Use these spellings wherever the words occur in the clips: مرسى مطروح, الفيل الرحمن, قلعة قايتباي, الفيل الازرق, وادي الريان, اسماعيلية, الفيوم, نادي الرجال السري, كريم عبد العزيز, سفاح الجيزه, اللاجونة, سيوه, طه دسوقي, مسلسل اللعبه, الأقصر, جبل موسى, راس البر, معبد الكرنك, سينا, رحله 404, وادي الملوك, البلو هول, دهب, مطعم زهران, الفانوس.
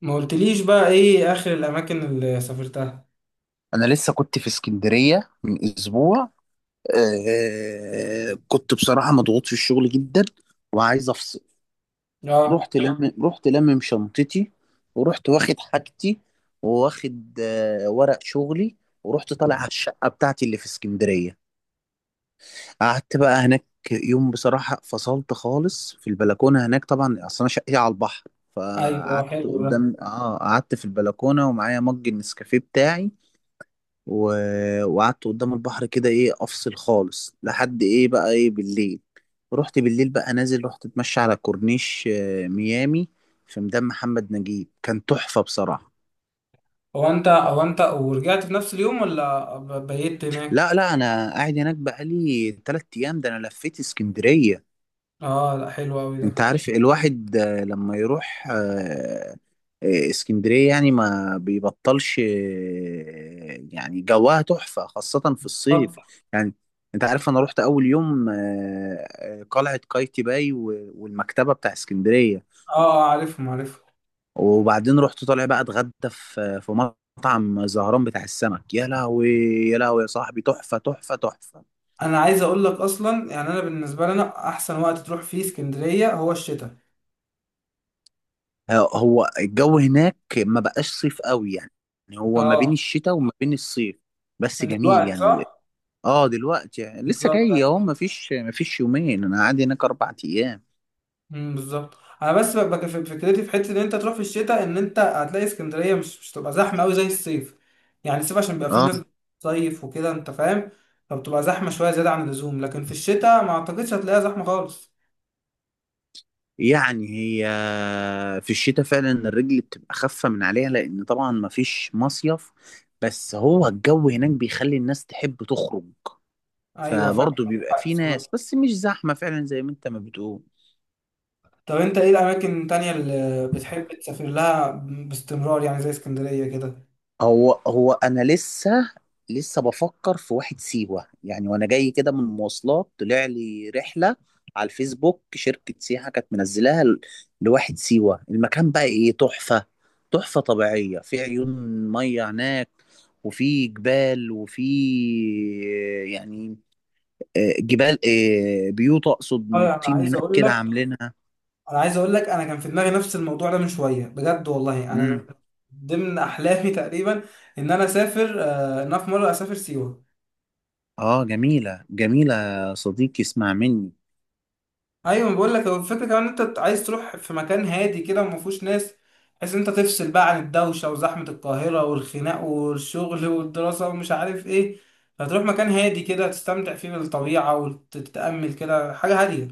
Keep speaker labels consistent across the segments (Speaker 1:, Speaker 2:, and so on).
Speaker 1: ما قلتليش بقى ايه اخر الاماكن اللي سافرتها؟
Speaker 2: انا لسه كنت في اسكندريه من اسبوع. آه، كنت بصراحه مضغوط في الشغل جدا، وعايز افصل.
Speaker 1: اه.
Speaker 2: رحت لم رحت لمم شنطتي، ورحت واخد حاجتي، وواخد ورق شغلي، ورحت طالع على الشقه بتاعتي اللي في اسكندريه. قعدت بقى هناك يوم. بصراحه فصلت خالص في البلكونه هناك، طبعا اصل انا شقتي على البحر.
Speaker 1: ايوه،
Speaker 2: فقعدت
Speaker 1: حلو ده.
Speaker 2: قدام اه قعدت في البلكونه ومعايا مج النسكافيه بتاعي، و... وقعدت قدام البحر كده، ايه، افصل خالص لحد ايه بقى ايه بالليل. رحت بالليل بقى نازل، رحت اتمشى على كورنيش ميامي. في ميدان محمد نجيب كان تحفة بصراحة.
Speaker 1: هو انت ورجعت في نفس اليوم ولا بيت هناك؟
Speaker 2: لا لا، انا قاعد هناك بقالي 3 ايام، ده انا لفيت اسكندرية.
Speaker 1: اه، لا حلو قوي
Speaker 2: انت
Speaker 1: ده.
Speaker 2: عارف الواحد لما يروح اسكندرية، يعني ما بيبطلش، يعني جواها تحفة خاصة في
Speaker 1: طب.
Speaker 2: الصيف. يعني، انت عارف، انا رحت اول يوم قلعة قايتباي والمكتبة بتاع اسكندرية.
Speaker 1: اه، عارفهم عارفهم.
Speaker 2: وبعدين رحت طالع بقى اتغدى في مطعم زهران بتاع السمك. يا لهوي، يا لهوي يا صاحبي، تحفة تحفة تحفة!
Speaker 1: انا عايز اقول لك اصلا، يعني انا بالنسبه لنا احسن وقت تروح فيه اسكندريه هو الشتاء.
Speaker 2: هو الجو هناك ما بقاش صيف قوي يعني، يعني هو ما بين
Speaker 1: اه.
Speaker 2: الشتاء وما بين الصيف، بس
Speaker 1: من
Speaker 2: جميل
Speaker 1: دلوقتي
Speaker 2: يعني.
Speaker 1: صح؟
Speaker 2: اه، دلوقتي لسه جاي
Speaker 1: بالظبط.
Speaker 2: اهو، ما فيش يومين، انا قاعد هناك 4 ايام.
Speaker 1: بالظبط، انا بس ببقى فكرتي في حته ان انت تروح في الشتاء، ان انت هتلاقي اسكندريه مش تبقى زحمه قوي زي الصيف. يعني الصيف عشان بيبقى فيه
Speaker 2: اه،
Speaker 1: ناس بتصيف وكده، انت فاهم؟ فبتبقى زحمه شويه زياده عن اللزوم، لكن في الشتاء ما اعتقدش هتلاقيها زحمه خالص.
Speaker 2: يعني هي في الشتاء فعلا الرجل بتبقى خفة من عليها، لان طبعا ما فيش مصيف، بس هو الجو هناك بيخلي الناس تحب تخرج،
Speaker 1: ايوه، فعلا
Speaker 2: فبرضه
Speaker 1: عندك
Speaker 2: بيبقى
Speaker 1: حق
Speaker 2: في ناس،
Speaker 1: بصراحه.
Speaker 2: بس مش زحمة فعلا زي ما انت ما بتقول.
Speaker 1: طب انت ايه الاماكن التانيه اللي بتحب تسافر لها باستمرار، يعني زي اسكندريه كده؟
Speaker 2: هو انا لسه بفكر في واحد سيوه يعني، وانا جاي كده من المواصلات طلع لي رحله على الفيسبوك، شركه سياحه كانت منزلاها لواحد سيوه. المكان بقى، ايه، تحفه! تحفه طبيعيه، في عيون ميه هناك، وفي جبال، وفي، يعني، جبال، بيوت اقصد، من
Speaker 1: اه، انا
Speaker 2: الطين
Speaker 1: عايز
Speaker 2: هناك
Speaker 1: اقول
Speaker 2: كده
Speaker 1: لك
Speaker 2: عاملينها.
Speaker 1: انا عايز اقول لك انا كان في دماغي نفس الموضوع ده من شويه، بجد والله
Speaker 2: امم
Speaker 1: انا ضمن احلامي تقريبا. ان انا في مره اسافر سيوه.
Speaker 2: اه، جميله جميله يا صديقي، اسمع مني.
Speaker 1: ايوه، بقول لك هو الفكره كمان، إن انت عايز تروح في مكان هادي كده وما فيهوش ناس، بحيث إن انت تفصل بقى عن الدوشه وزحمه القاهره والخناق والشغل والدراسه ومش عارف ايه. هتروح مكان هادي كده، تستمتع فيه بالطبيعه وتتامل كده حاجه هاديه.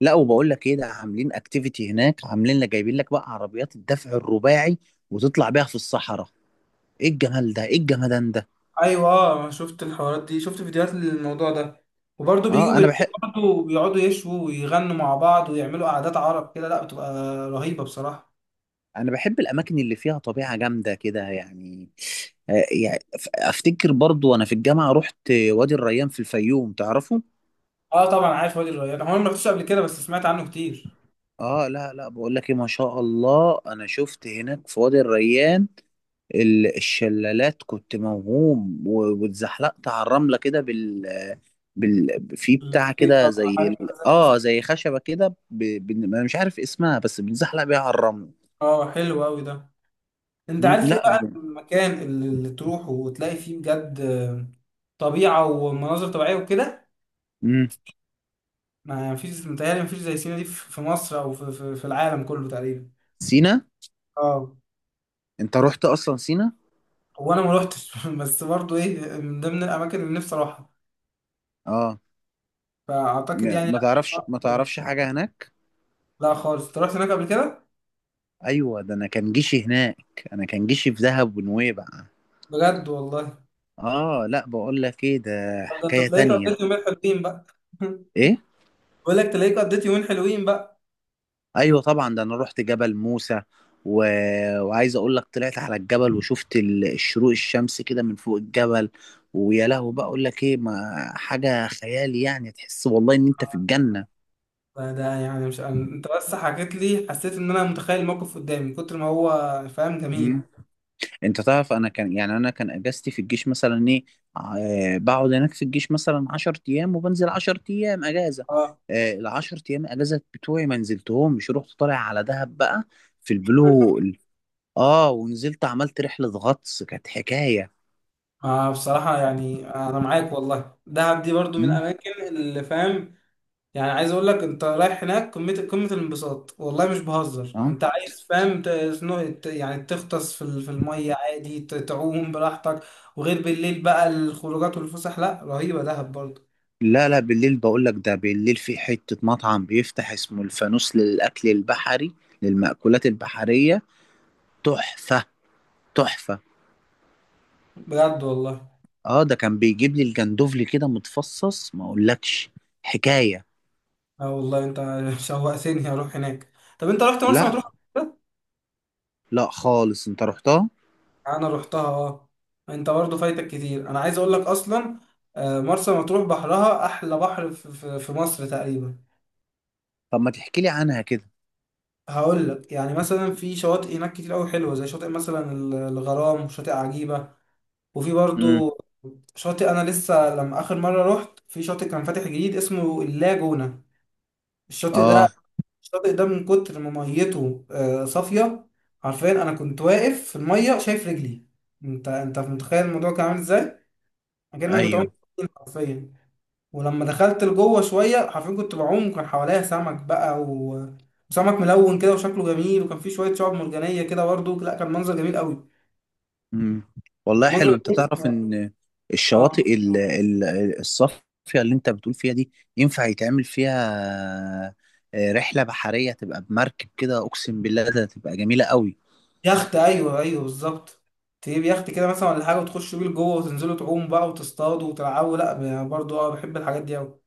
Speaker 2: لا، وبقول لك ايه، ده عاملين اكتيفيتي هناك، عاملين لك جايبين لك بقى عربيات الدفع الرباعي، وتطلع بيها في الصحراء. ايه الجمال ده، ايه الجمدان ده!
Speaker 1: ايوه، أنا شفت الحوارات دي، شفت فيديوهات للموضوع ده. وبرضه بيجوا
Speaker 2: اه، انا
Speaker 1: بالليل،
Speaker 2: بحب،
Speaker 1: برضه بيقعدوا يشووا ويغنوا مع بعض ويعملوا قعدات عرب كده، لا بتبقى رهيبه بصراحه.
Speaker 2: انا بحب الاماكن اللي فيها طبيعه جامده كده يعني. يعني افتكر برضو وانا في الجامعه رحت وادي الريان في الفيوم، تعرفه؟
Speaker 1: اه طبعا، عارف وادي الريان، هو أنا ما رحتوش قبل كده بس سمعت عنه كتير.
Speaker 2: اه لا لا، بقول لك ايه، ما شاء الله انا شفت هناك في وادي الريان الشلالات، كنت موهوم، واتزحلقت على الرمله كده في بتاع
Speaker 1: السكيت
Speaker 2: كده،
Speaker 1: بقى، بتبقى
Speaker 2: زي
Speaker 1: حاجه
Speaker 2: ال...
Speaker 1: كده زي
Speaker 2: اه
Speaker 1: السكيت.
Speaker 2: زي خشبة كده، انا مش عارف اسمها، بس بنزحلق بيها على الرمل.
Speaker 1: اه، حلو قوي ده. انت
Speaker 2: مم.
Speaker 1: عارف ايه
Speaker 2: لا.
Speaker 1: بقى المكان اللي تروحه وتلاقي فيه بجد طبيعه ومناظر طبيعيه وكده؟
Speaker 2: مم.
Speaker 1: ما فيش متهيألي ما فيش زي سينا دي في مصر، او في العالم كله تقريبا.
Speaker 2: سينا.
Speaker 1: اه.
Speaker 2: انت رحت اصلا سينا؟
Speaker 1: هو انا ما روحتش بس برضه ايه، من ضمن الاماكن اللي نفسي اروحها،
Speaker 2: اه،
Speaker 1: فاعتقد
Speaker 2: ما
Speaker 1: يعني.
Speaker 2: ما تعرفش،
Speaker 1: لا.
Speaker 2: حاجة هناك.
Speaker 1: لا خالص، انت رحت هناك قبل كده؟
Speaker 2: ايوه، ده انا كان جيشي هناك، انا كان جيشي في دهب ونويبع.
Speaker 1: بجد والله؟
Speaker 2: اه لا، بقول لك ايه ده،
Speaker 1: طب ده انت
Speaker 2: حكاية
Speaker 1: تلاقيك
Speaker 2: تانية.
Speaker 1: قضيت يومين حلوين بقى.
Speaker 2: ايه؟
Speaker 1: بقول لك تلاقيك قضيت يومين حلوين بقى.
Speaker 2: ايوه طبعا، ده انا رحت جبل موسى و... وعايز اقول لك، طلعت على الجبل وشفت الشروق الشمس كده من فوق الجبل. ويا لهو، بقى اقول لك ايه، ما حاجه خيالي يعني، تحس والله ان انت في الجنه.
Speaker 1: فده يعني مش انت بس حكيت لي، حسيت ان انا متخيل الموقف قدامي من كتر ما هو فاهم،
Speaker 2: مم.
Speaker 1: جميل.
Speaker 2: انت تعرف، انا كان يعني، انا كان اجازتي في الجيش مثلا ايه، بقعد هناك في الجيش مثلا 10 ايام، وبنزل 10 ايام اجازه.
Speaker 1: اه،
Speaker 2: العشر ايام اجازه بتوعي ما نزلتهمش، رحت طالع على دهب بقى في البلو هول. اه، ونزلت عملت رحله غطس، كانت حكايه.
Speaker 1: بصراحة يعني أنا معاك والله، دهب دي برضو من
Speaker 2: مم.
Speaker 1: الأماكن اللي فاهم يعني. عايز اقول لك، انت رايح هناك قمه قمه الانبساط والله مش بهزر،
Speaker 2: اه
Speaker 1: انت عايز فاهم يعني تغطس في الميه عادي، تعوم براحتك. وغير بالليل بقى الخروجات والفسح، لا رهيبه دهب برضه.
Speaker 2: لا لا، بالليل بقول لك ده، بالليل في حتة مطعم بيفتح اسمه الفانوس للأكل البحري، للمأكولات البحرية. تحفة. تحفة.
Speaker 1: بجد والله.
Speaker 2: اه، ده كان بيجيب لي الجندوفلي كده متفصص، ما اقولكش، حكاية.
Speaker 1: اه والله انت شوقتني اروح هناك. طب انت رحت مرسى مطروح
Speaker 2: لا.
Speaker 1: قبل كده؟
Speaker 2: لا خالص، انت رحتها.
Speaker 1: انا رحتها اه. انت برضه فايتك كتير، انا عايز اقول لك اصلا، مرسى مطروح بحرها احلى بحر في مصر تقريبا.
Speaker 2: طب ما تحكي لي عنها كده.
Speaker 1: هقول لك، يعني مثلا في شواطئ هناك كتير قوي حلوه، زي شاطئ مثلا الغرام وشاطئ عجيبه. وفي
Speaker 2: امم.
Speaker 1: برضو شاطئ، انا لسه لما اخر مره رحت في شاطئ كان فاتح جديد اسمه اللاجونه. الشاطئ ده،
Speaker 2: اه.
Speaker 1: الشاطئ ده من كتر ما ميته صافيه، حرفيا انا كنت واقف في الميه شايف رجلي. انت متخيل الموضوع كان عامل ازاي؟ اكنك بتعوم
Speaker 2: ايوه.
Speaker 1: حرفيا. ولما دخلت لجوه شويه، حرفيا كنت بعوم وكان حواليا سمك بقى وسمك ملون كده وشكله جميل، وكان فيه شويه شعاب مرجانيه كده برضه، لا كان منظر جميل قوي.
Speaker 2: مم. والله حلو.
Speaker 1: المنظر
Speaker 2: انت
Speaker 1: جميل.
Speaker 2: تعرف ان
Speaker 1: اه،
Speaker 2: الشواطئ الصافية اللي انت بتقول فيها دي، ينفع يتعمل فيها رحلة بحرية، تبقى بمركب كده، اقسم بالله ده تبقى جميلة قوي.
Speaker 1: يخت، ايوه ايوه بالظبط. تجيب يخت كده مثلا ولا حاجه وتخشوا بيه لجوه وتنزلوا تعوموا بقى وتصطادوا وتلعبوا، لا برضه اه بحب الحاجات دي قوي.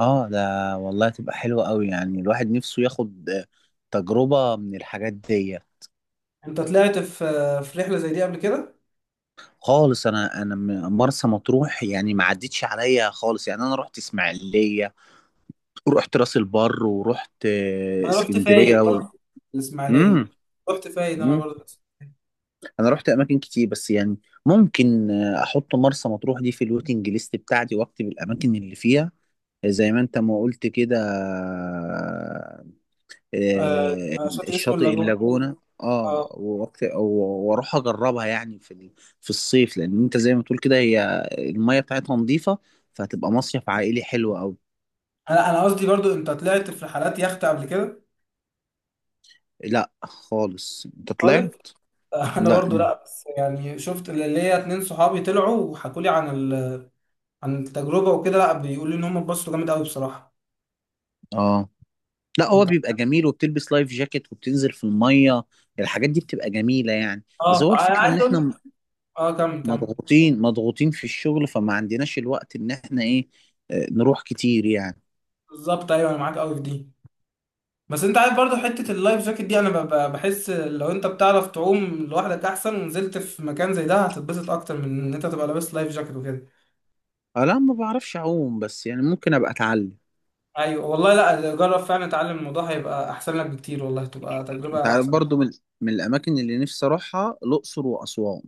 Speaker 2: اه ده، والله تبقى حلوة قوي، يعني الواحد نفسه ياخد تجربة من الحاجات دي.
Speaker 1: انت طلعت في رحله زي دي قبل كده؟
Speaker 2: خالص، انا مرسى مطروح يعني ما عدتش عليا خالص، يعني انا رحت اسماعيلية، ورحت راس البر، ورحت
Speaker 1: انا رحت
Speaker 2: اسكندرية
Speaker 1: فايد برضه، الاسماعيليه، رحت فايد انا
Speaker 2: مم.
Speaker 1: برضه.
Speaker 2: انا رحت اماكن كتير، بس يعني ممكن احط مرسى مطروح دي في الويتنج ليست بتاعتي واكتب الاماكن اللي فيها، زي ما انت ما قلت كده.
Speaker 1: آه،
Speaker 2: آه،
Speaker 1: شاطئ اسمه
Speaker 2: الشاطئ
Speaker 1: اللاجون.
Speaker 2: اللاجونة، اه،
Speaker 1: اه،
Speaker 2: واروح اجربها يعني في الصيف، لان انت زي ما تقول كده هي المية بتاعتها نظيفة، فهتبقى مصيف عائلي حلو قوي.
Speaker 1: انا قصدي برضو، انت طلعت في رحلات يخت قبل كده؟
Speaker 2: لا خالص، انت
Speaker 1: خالص.
Speaker 2: طلعت.
Speaker 1: انا برضو
Speaker 2: لا.
Speaker 1: لا، بس يعني شفت اللي هي اتنين صحابي طلعوا وحكوا لي عن عن التجربه وكده، لا بيقولوا لي ان هم اتبسطوا جامد قوي بصراحه.
Speaker 2: اه لا، هو
Speaker 1: انت
Speaker 2: بيبقى جميل، وبتلبس لايف جاكيت وبتنزل في المية، الحاجات دي بتبقى جميلة يعني. بس
Speaker 1: اه،
Speaker 2: هو
Speaker 1: انا
Speaker 2: الفكرة ان
Speaker 1: عايز اقول
Speaker 2: احنا
Speaker 1: لك. اه، كمل كمل.
Speaker 2: مضغوطين مضغوطين في الشغل، فما عندناش الوقت ان احنا ايه، نروح كتير يعني.
Speaker 1: بالظبط ايوه، انا معاك قوي في دي. بس انت عارف برضو حته اللايف جاكيت دي، انا بحس لو انت بتعرف تعوم لوحدك احسن، ونزلت في مكان زي ده هتتبسط اكتر من ان انت تبقى لابس لايف جاكيت وكده.
Speaker 2: لا ما بعرفش اعوم، بس يعني ممكن ابقى اتعلم.
Speaker 1: ايوه والله، لا جرب فعلا اتعلم، الموضوع هيبقى احسن لك بكتير والله، تبقى
Speaker 2: انت
Speaker 1: تجربه
Speaker 2: عارف
Speaker 1: احسن.
Speaker 2: برضو، من الاماكن اللي نفسي اروحها الاقصر واسوان.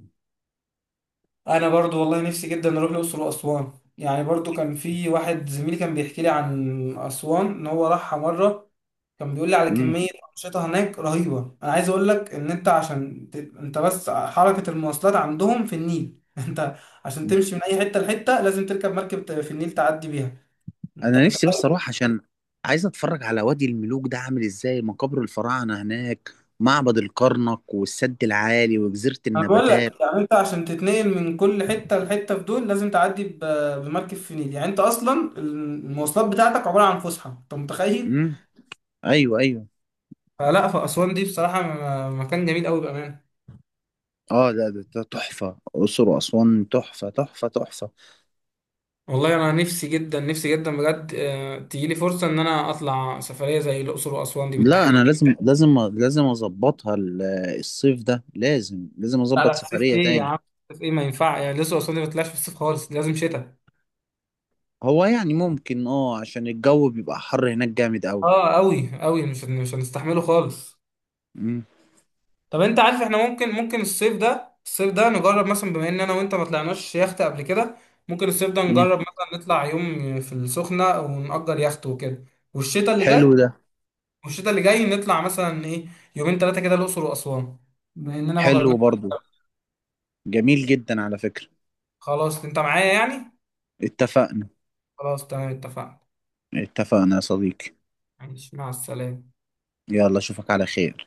Speaker 1: انا برضو والله نفسي جدا اروح الاقصر واسوان، يعني برضو كان في واحد زميلي كان بيحكي لي عن اسوان، ان هو راحها مره. كان بيقول لي على
Speaker 2: مم.
Speaker 1: كميه انشطه هناك رهيبه. انا عايز اقول لك ان انت عشان انت بس حركه المواصلات عندهم في النيل انت عشان تمشي من اي حته لحته لازم تركب مركب في النيل تعدي بيها. انت
Speaker 2: انا نفسي بس
Speaker 1: متخيل؟
Speaker 2: اروح عشان عايز اتفرج على وادي الملوك، ده عامل ازاي، مقابر الفراعنة هناك، معبد الكرنك والسد العالي وجزيرة
Speaker 1: انا بقول
Speaker 2: النباتات.
Speaker 1: لك يعني، انت عشان تتنقل من كل حته لحته في دول لازم تعدي بمركب في النيل، يعني انت اصلا المواصلات بتاعتك عباره عن فسحه، انت متخيل؟
Speaker 2: مم. ايوه ايوه.
Speaker 1: فلا فأسوان دي بصراحة، مكان جميل أوي بأمانة.
Speaker 2: اه لا، ده ده تحفه، الاقصر واسوان تحفه تحفه تحفه.
Speaker 1: والله أنا نفسي جدا نفسي جدا بجد تجيلي فرصة إن أنا أطلع سفرية زي الأقصر وأسوان دي
Speaker 2: لا،
Speaker 1: بالتحديد.
Speaker 2: انا لازم لازم لازم اظبطها، الصيف ده لازم لازم
Speaker 1: لا
Speaker 2: اظبط
Speaker 1: لا، في الصيف
Speaker 2: سفريه
Speaker 1: إيه يا
Speaker 2: تاني.
Speaker 1: عم، في الصيف إيه ما ينفع، يعني الأقصر وأسوان دي ما تطلعش في الصيف خالص، دي لازم شتاء.
Speaker 2: هو يعني ممكن، اه، عشان الجو بيبقى حر هناك جامد قوي.
Speaker 1: أه، أوي أوي، مش هنستحمله خالص.
Speaker 2: امم
Speaker 1: طب أنت عارف، إحنا ممكن الصيف ده الصيف ده نجرب مثلا، بما إن أنا وأنت ما طلعناش يخت قبل كده، ممكن الصيف ده
Speaker 2: امم
Speaker 1: نجرب مثلا نطلع يوم في السخنة ونأجر يخت وكده. والشتاء اللي جاي،
Speaker 2: حلو ده.
Speaker 1: والشتاء اللي جاي نطلع مثلا ايه يومين ثلاثه كده الاقصر واسوان، بما اننا ما
Speaker 2: حلو
Speaker 1: جربناش.
Speaker 2: برضو، جميل جدا على فكره.
Speaker 1: خلاص، انت معايا يعني؟
Speaker 2: اتفقنا.
Speaker 1: خلاص، تمام، اتفقنا.
Speaker 2: اتفقنا يا صديقي.
Speaker 1: ماشي، مع السلامه.
Speaker 2: يلا، اشوفك على خير.